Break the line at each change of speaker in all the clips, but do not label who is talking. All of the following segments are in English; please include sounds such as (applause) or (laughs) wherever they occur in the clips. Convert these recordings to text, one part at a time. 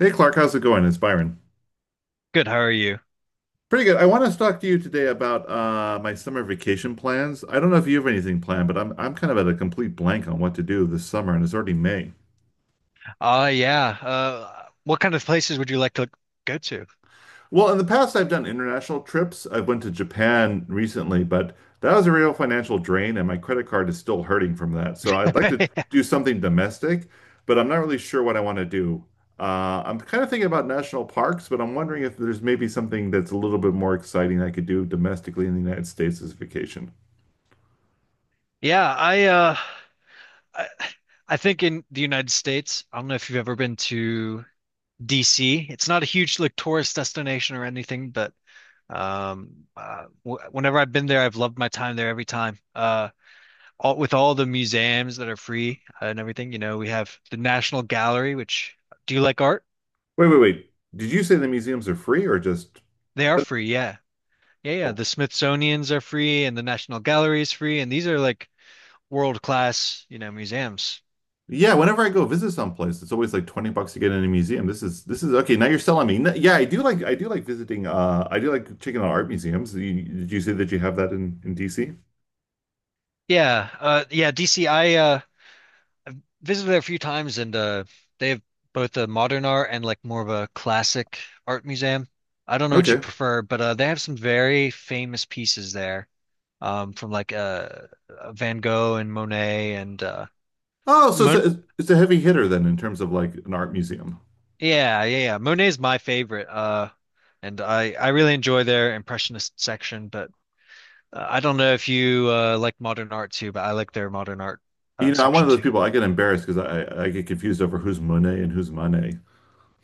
Hey Clark, how's it going? It's Byron.
Good, how are you?
Pretty good. I want to talk to you today about my summer vacation plans. I don't know if you have anything planned, but I'm kind of at a complete blank on what to do this summer, and it's already May.
Yeah. What kind of places would you like to go to?
Well, in the past, I've done international trips. I went to Japan recently, but that was a real financial drain, and my credit card is still hurting from that. So I'd like to
(laughs)
do something domestic, but I'm not really sure what I want to do. I'm kind of thinking about national parks, but I'm wondering if there's maybe something that's a little bit more exciting I could do domestically in the United States this vacation.
Yeah, I uh I, I think in the United States, I don't know if you've ever been to DC. It's not a huge like tourist destination or anything, but w whenever I've been there, I've loved my time there every time. All with all the museums that are free and everything, we have the National Gallery, which Do you like art?
Wait, wait, wait. Did you say the museums are free or just?
They are free, yeah. Yeah, yeah.
Oh.
The Smithsonian's are free and the National Gallery's free, and these are like world-class, museums.
Yeah, whenever I go visit someplace, it's always like 20 bucks to get in a museum. This is okay. Now you're selling me. No- Yeah, I do like visiting I do like checking out art museums. You- Did you say that you have that in DC?
Yeah, DCI, I uh I've visited there a few times and they have both a modern art and like more of a classic art museum. I don't know what you
Okay.
prefer, but they have some very famous pieces there. From Van Gogh and Monet and
Oh, so
Mon
it's a heavy hitter then in terms of like an art museum.
yeah, yeah, yeah. Monet's my favorite. And I really enjoy their impressionist section, but I don't know if you like modern art too, but I like their modern art
You know, I'm one
section
of those
too.
people I
(laughs)
get embarrassed because I get confused over who's Monet and who's Monet.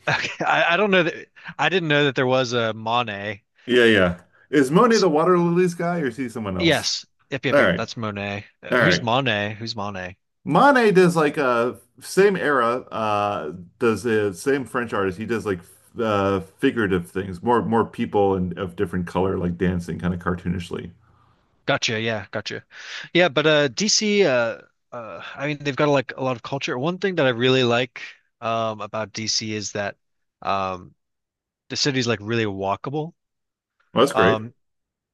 Okay, I don't know that I didn't know that there was a Monet.
Yeah, yeah. Is Monet
S
the water lilies guy or is he someone else?
Yes, yep, yep,
All
yep.
right.
That's Monet.
All
Who's
right.
Monet? Who's Monet?
Manet does like same era does the same French artist. He does like figurative things, more people and of different color like dancing kind of cartoonishly.
Gotcha. Yeah, gotcha. Yeah, but DC. I mean, they've got like a lot of culture. One thing that I really like about DC is that um, the city's like really walkable.
Well, that's great.
Um,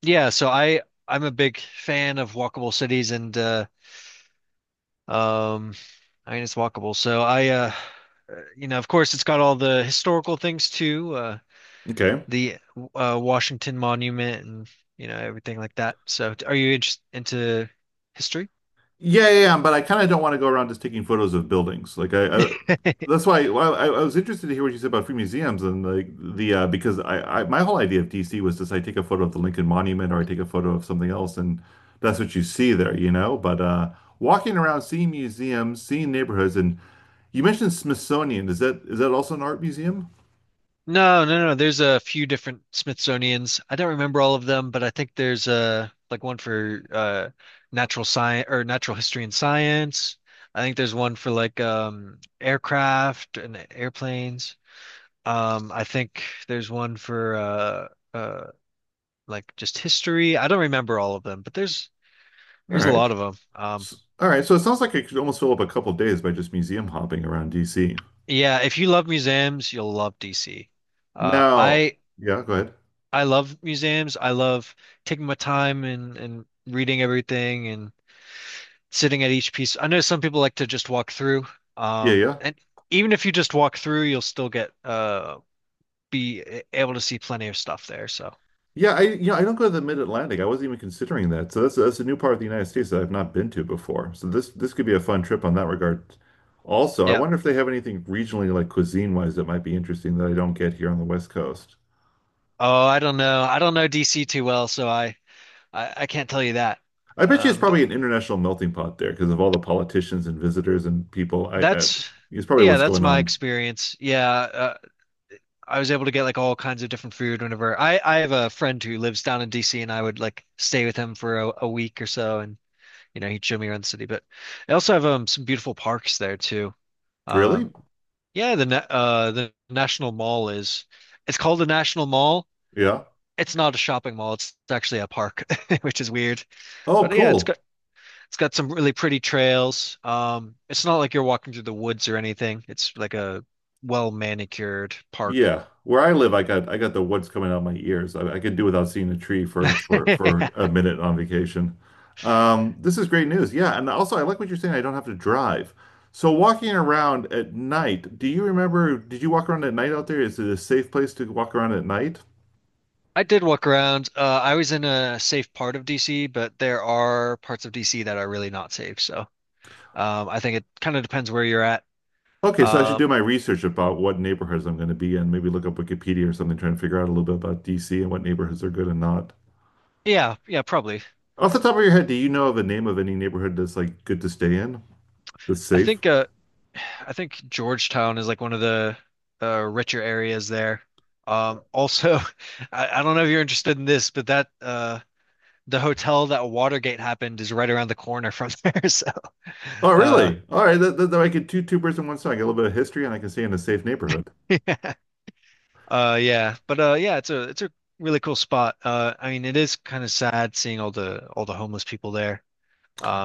yeah, so I'm a big fan of walkable cities and Um, I mean, it's walkable. So, of course, it's got all the historical things too, uh,
Okay.
the uh, Washington Monument and everything like that. So, are you interested into history?
Yeah, yeah, yeah, but I kind of don't want to go around just taking photos of buildings. Like I
(laughs)
that's why well, I was interested to hear what you said about free museums and like the because I my whole idea of DC was just I take a photo of the Lincoln Monument or I take a photo of something else and that's what you see there, you know. But walking around, seeing museums, seeing neighborhoods, and you mentioned Smithsonian. Is that also an art museum?
No, no, no. There's a few different Smithsonian's. I don't remember all of them, but I think there's like one for natural science or natural history and science. I think there's one for like aircraft and airplanes. I think there's one for uh just history. I don't remember all of them, but there's
All
there's a
right,
lot of them.
All right. So it sounds like I could almost fill up a couple days by just museum hopping around DC.
Yeah, if you love museums, you'll love DC. Uh,
Now,
I
yeah, go ahead.
I love museums. I love taking my time and reading everything and sitting at each piece. I know some people like to just walk through.
Yeah,
Um,
yeah.
and even if you just walk through, you'll still get be eh, able to see plenty of stuff there. So
Yeah, I you know I don't go to the Mid-Atlantic. I wasn't even considering that. So that's a new part of the United States that I've not been to before. So this could be a fun trip on that regard. Also, I
yeah.
wonder if they have anything regionally like cuisine-wise that might be interesting that I don't get here on the West Coast.
Oh, I don't know. I don't know DC too well, so I. I can't tell you that.
I bet you it's
But
probably an international melting pot there because of all the politicians and visitors and people. I
that's
it's probably
Yeah,
what's
that's
going
my
on.
experience. Yeah, I was able to get like all kinds of different food whenever I have a friend who lives down in DC, and I would like stay with him for a week or so, and he'd show me around the city. But they also have some beautiful parks there too.
Really?
Um, yeah, the National Mall is it's called the National Mall.
Yeah.
It's not a shopping mall. It's actually a park, (laughs) which is weird.
Oh,
But yeah, it's
cool.
It's got some really pretty trails. It's not like you're walking through the woods or anything. It's like a well manicured park.
Yeah, where I live, I got the woods coming out my ears. I could do without seeing a tree for
(laughs) I
a minute on vacation. This is great news. Yeah, and also I like what you're saying. I don't have to drive. So walking around at night, do you remember? Did you walk around at night out there? Is it a safe place to walk around at night?
did walk around. I was in a safe part of DC, but there are parts of DC that are really not safe. So I think it kind of depends where you're at.
Okay, so I should
Uh,
do my research about what neighborhoods I'm going to be in. Maybe look up Wikipedia or something, trying to figure out a little bit about DC and what neighborhoods are good and not.
yeah, yeah, probably.
Off the top of your head, do you know of a name of any neighborhood that's like good to stay in, that's
I
safe?
think uh, I think Georgetown is like one of the richer areas there. Also, (laughs) I don't know if you're interested in this, but that the hotel that Watergate happened is right around the corner from there. (laughs) So,
Oh,
uh,
really? All right. That I could two birds in one stone. I get a little bit of history, and I can stay in a safe neighborhood.
(laughs) yeah, yeah, but yeah, it's a really cool spot. I mean, it is kind of sad seeing all the homeless people there.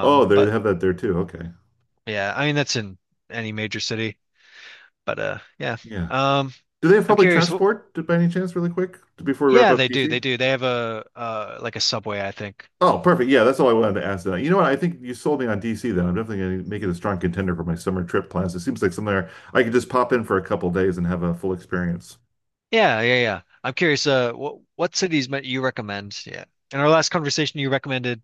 Oh, they
but
have that there too. Okay.
yeah, I mean that's in any major city. But yeah,
Yeah.
um,
Do they have
I'm
public
curious.
transport to- by any chance, really quick, to- before we wrap
Yeah,
up
they do. They
DC?
do. They have a subway, I think.
Oh, perfect. Yeah, that's all I wanted to ask. That. You know what? I think you sold me on DC. Then I'm definitely going to make it a strong contender for my summer trip plans. It seems like somewhere I could just pop in for a couple days and have a full experience.
Yeah, yeah, yeah. I'm curious. What cities might you recommend? Yeah. In our last conversation, you recommended.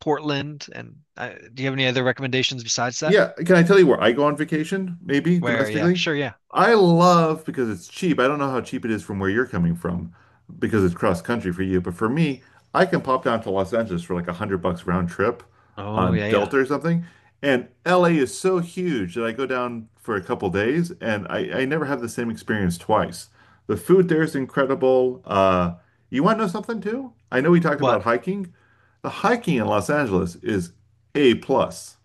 Portland, and do you have any other recommendations besides that?
Yeah, can I tell you where I go on vacation, maybe
Where, yeah,
domestically?
sure, yeah.
I love because it's cheap. I don't know how cheap it is from where you're coming from because it's cross country for you, but for me, I can pop down to Los Angeles for like 100 bucks round trip
Oh,
on
yeah, yeah.
Delta or something. And LA is so huge that I go down for a couple days and I never have the same experience twice. The food there is incredible. You want to know something too? I know we talked about
What?
hiking. The hiking in Los Angeles is A plus.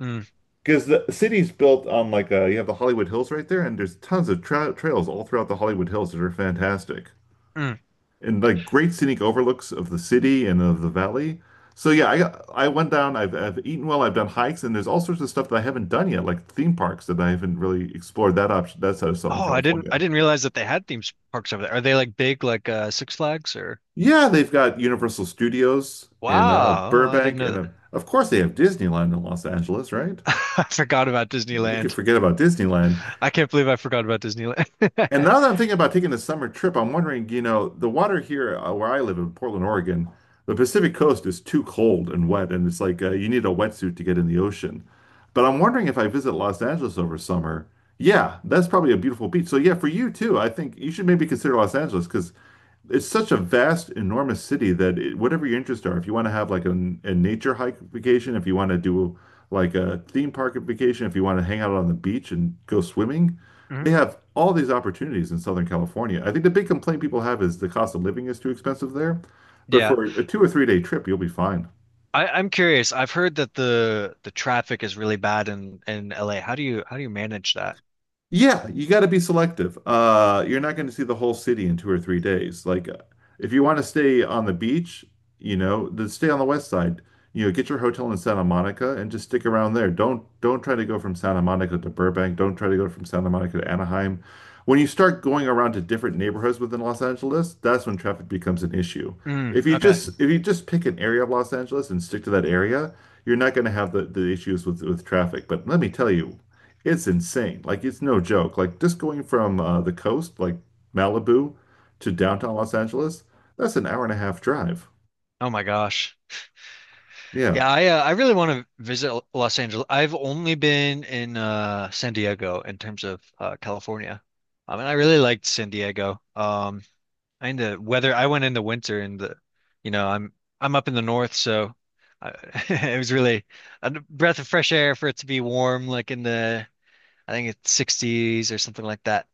Mm,
Because the city's built on like you have the Hollywood Hills right there, and there's tons of trails all throughout the Hollywood Hills that are fantastic
mm.
and like great scenic overlooks of the city and of the valley. So yeah, I went down. I've eaten well. I've done hikes, and there's all sorts of stuff that I haven't done yet, like theme parks that I haven't really explored. That option that's out of Southern
Oh,
California.
I didn't realize that they had theme parks over there. Are they like big, like Six Flags or?
Yeah, they've got Universal Studios in
Wow, oh, I didn't
Burbank,
know
and
that.
of course they have Disneyland in Los Angeles, right?
(laughs) I forgot about
You can
Disneyland.
forget about Disneyland.
I can't believe I forgot about Disneyland.
And
(laughs)
now that I'm thinking about taking a summer trip, I'm wondering, you know, the water here where I live in Portland, Oregon, the Pacific Coast is too cold and wet, and it's like you need a wetsuit to get in the ocean. But I'm wondering if I visit Los Angeles over summer, yeah, that's probably a beautiful beach. So yeah, for you too, I think you should maybe consider Los Angeles because it's such a vast, enormous city that it, whatever your interests are, if you want to have like a nature hike vacation, if you want to do like a theme park vacation, if you want to hang out on the beach and go swimming.
Mhm.
They have all these opportunities in Southern California. I think the big complaint people have is the cost of living is too expensive there. But
Yeah,
for a two or three-day trip, you'll be fine.
I'm curious. I've heard that the traffic is really bad in LA. How do you manage that?
Yeah, you got to be selective. You're not going to see the whole city in two or three days. Like, if you want to stay on the beach, you know, then stay on the west side. You know, get your hotel in Santa Monica and just stick around there. Don't try to go from Santa Monica to Burbank. Don't try to go from Santa Monica to Anaheim. When you start going around to different neighborhoods within Los Angeles, that's when traffic becomes an issue.
Mm,
If you
okay.
just if you just pick an area of Los Angeles and stick to that area, you're not going to have the issues with traffic. But let me tell you. It's insane. Like it's no joke. Like just going from the coast, like Malibu, to downtown Los Angeles, that's an hour and a half drive.
Oh my gosh.
Yeah.
Yeah, I really want to visit Los Angeles. I've only been in San Diego in terms of California. I mean, I really liked San Diego. And the weather, I went in the winter and the, you know, I'm up in the north, so I, (laughs) it was really a breath of fresh air for it to be warm, like in the I think it's 60s or something like that.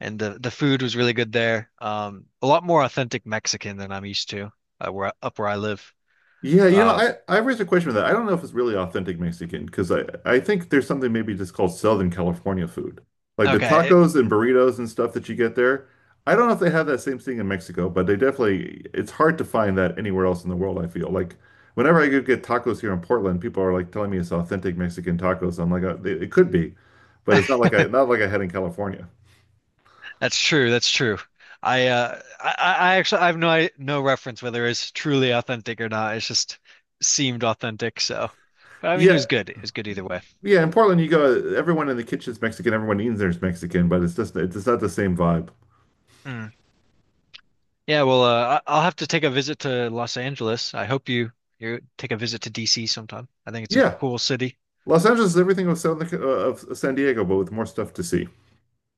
And the food was really good there. A lot more authentic Mexican than I'm used to, where up where I live.
Yeah, you know,
Uh,
I raised a question with that. I don't know if it's really authentic Mexican because I think there's something maybe just called Southern California food, like the
okay.
tacos and burritos and stuff that you get there. I don't know if they have that same thing in Mexico, but they definitely it's hard to find that anywhere else in the world, I feel. Like whenever I go get tacos here in Portland, people are like telling me it's authentic Mexican tacos. I'm like, it it could be, but it's not like I not like I had in California.
That's true. That's true. I actually I have no, no reference whether it's truly authentic or not. It's just seemed authentic. So, but I mean, it
Yeah,
was good. It was good either way.
yeah, in Portland you go, everyone in the kitchen's Mexican, everyone eating there's Mexican, but it's just it's not the same vibe.
Mm. Yeah. Well, I'll have to take a visit to Los Angeles. I hope you take a visit to DC sometime. I think it's a
Yeah.
cool city.
Los Angeles is everything of San Diego, but with more stuff to see.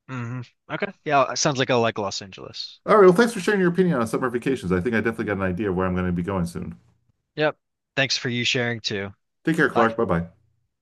Hmm. Okay. Yeah. Sounds like I like Los Angeles.
All right. Well, thanks for sharing your opinion on summer vacations. I think I definitely got an idea of where I'm going to be going soon.
Yep. Thanks for you sharing too.
Take care,
Bye.
Clark. Bye bye.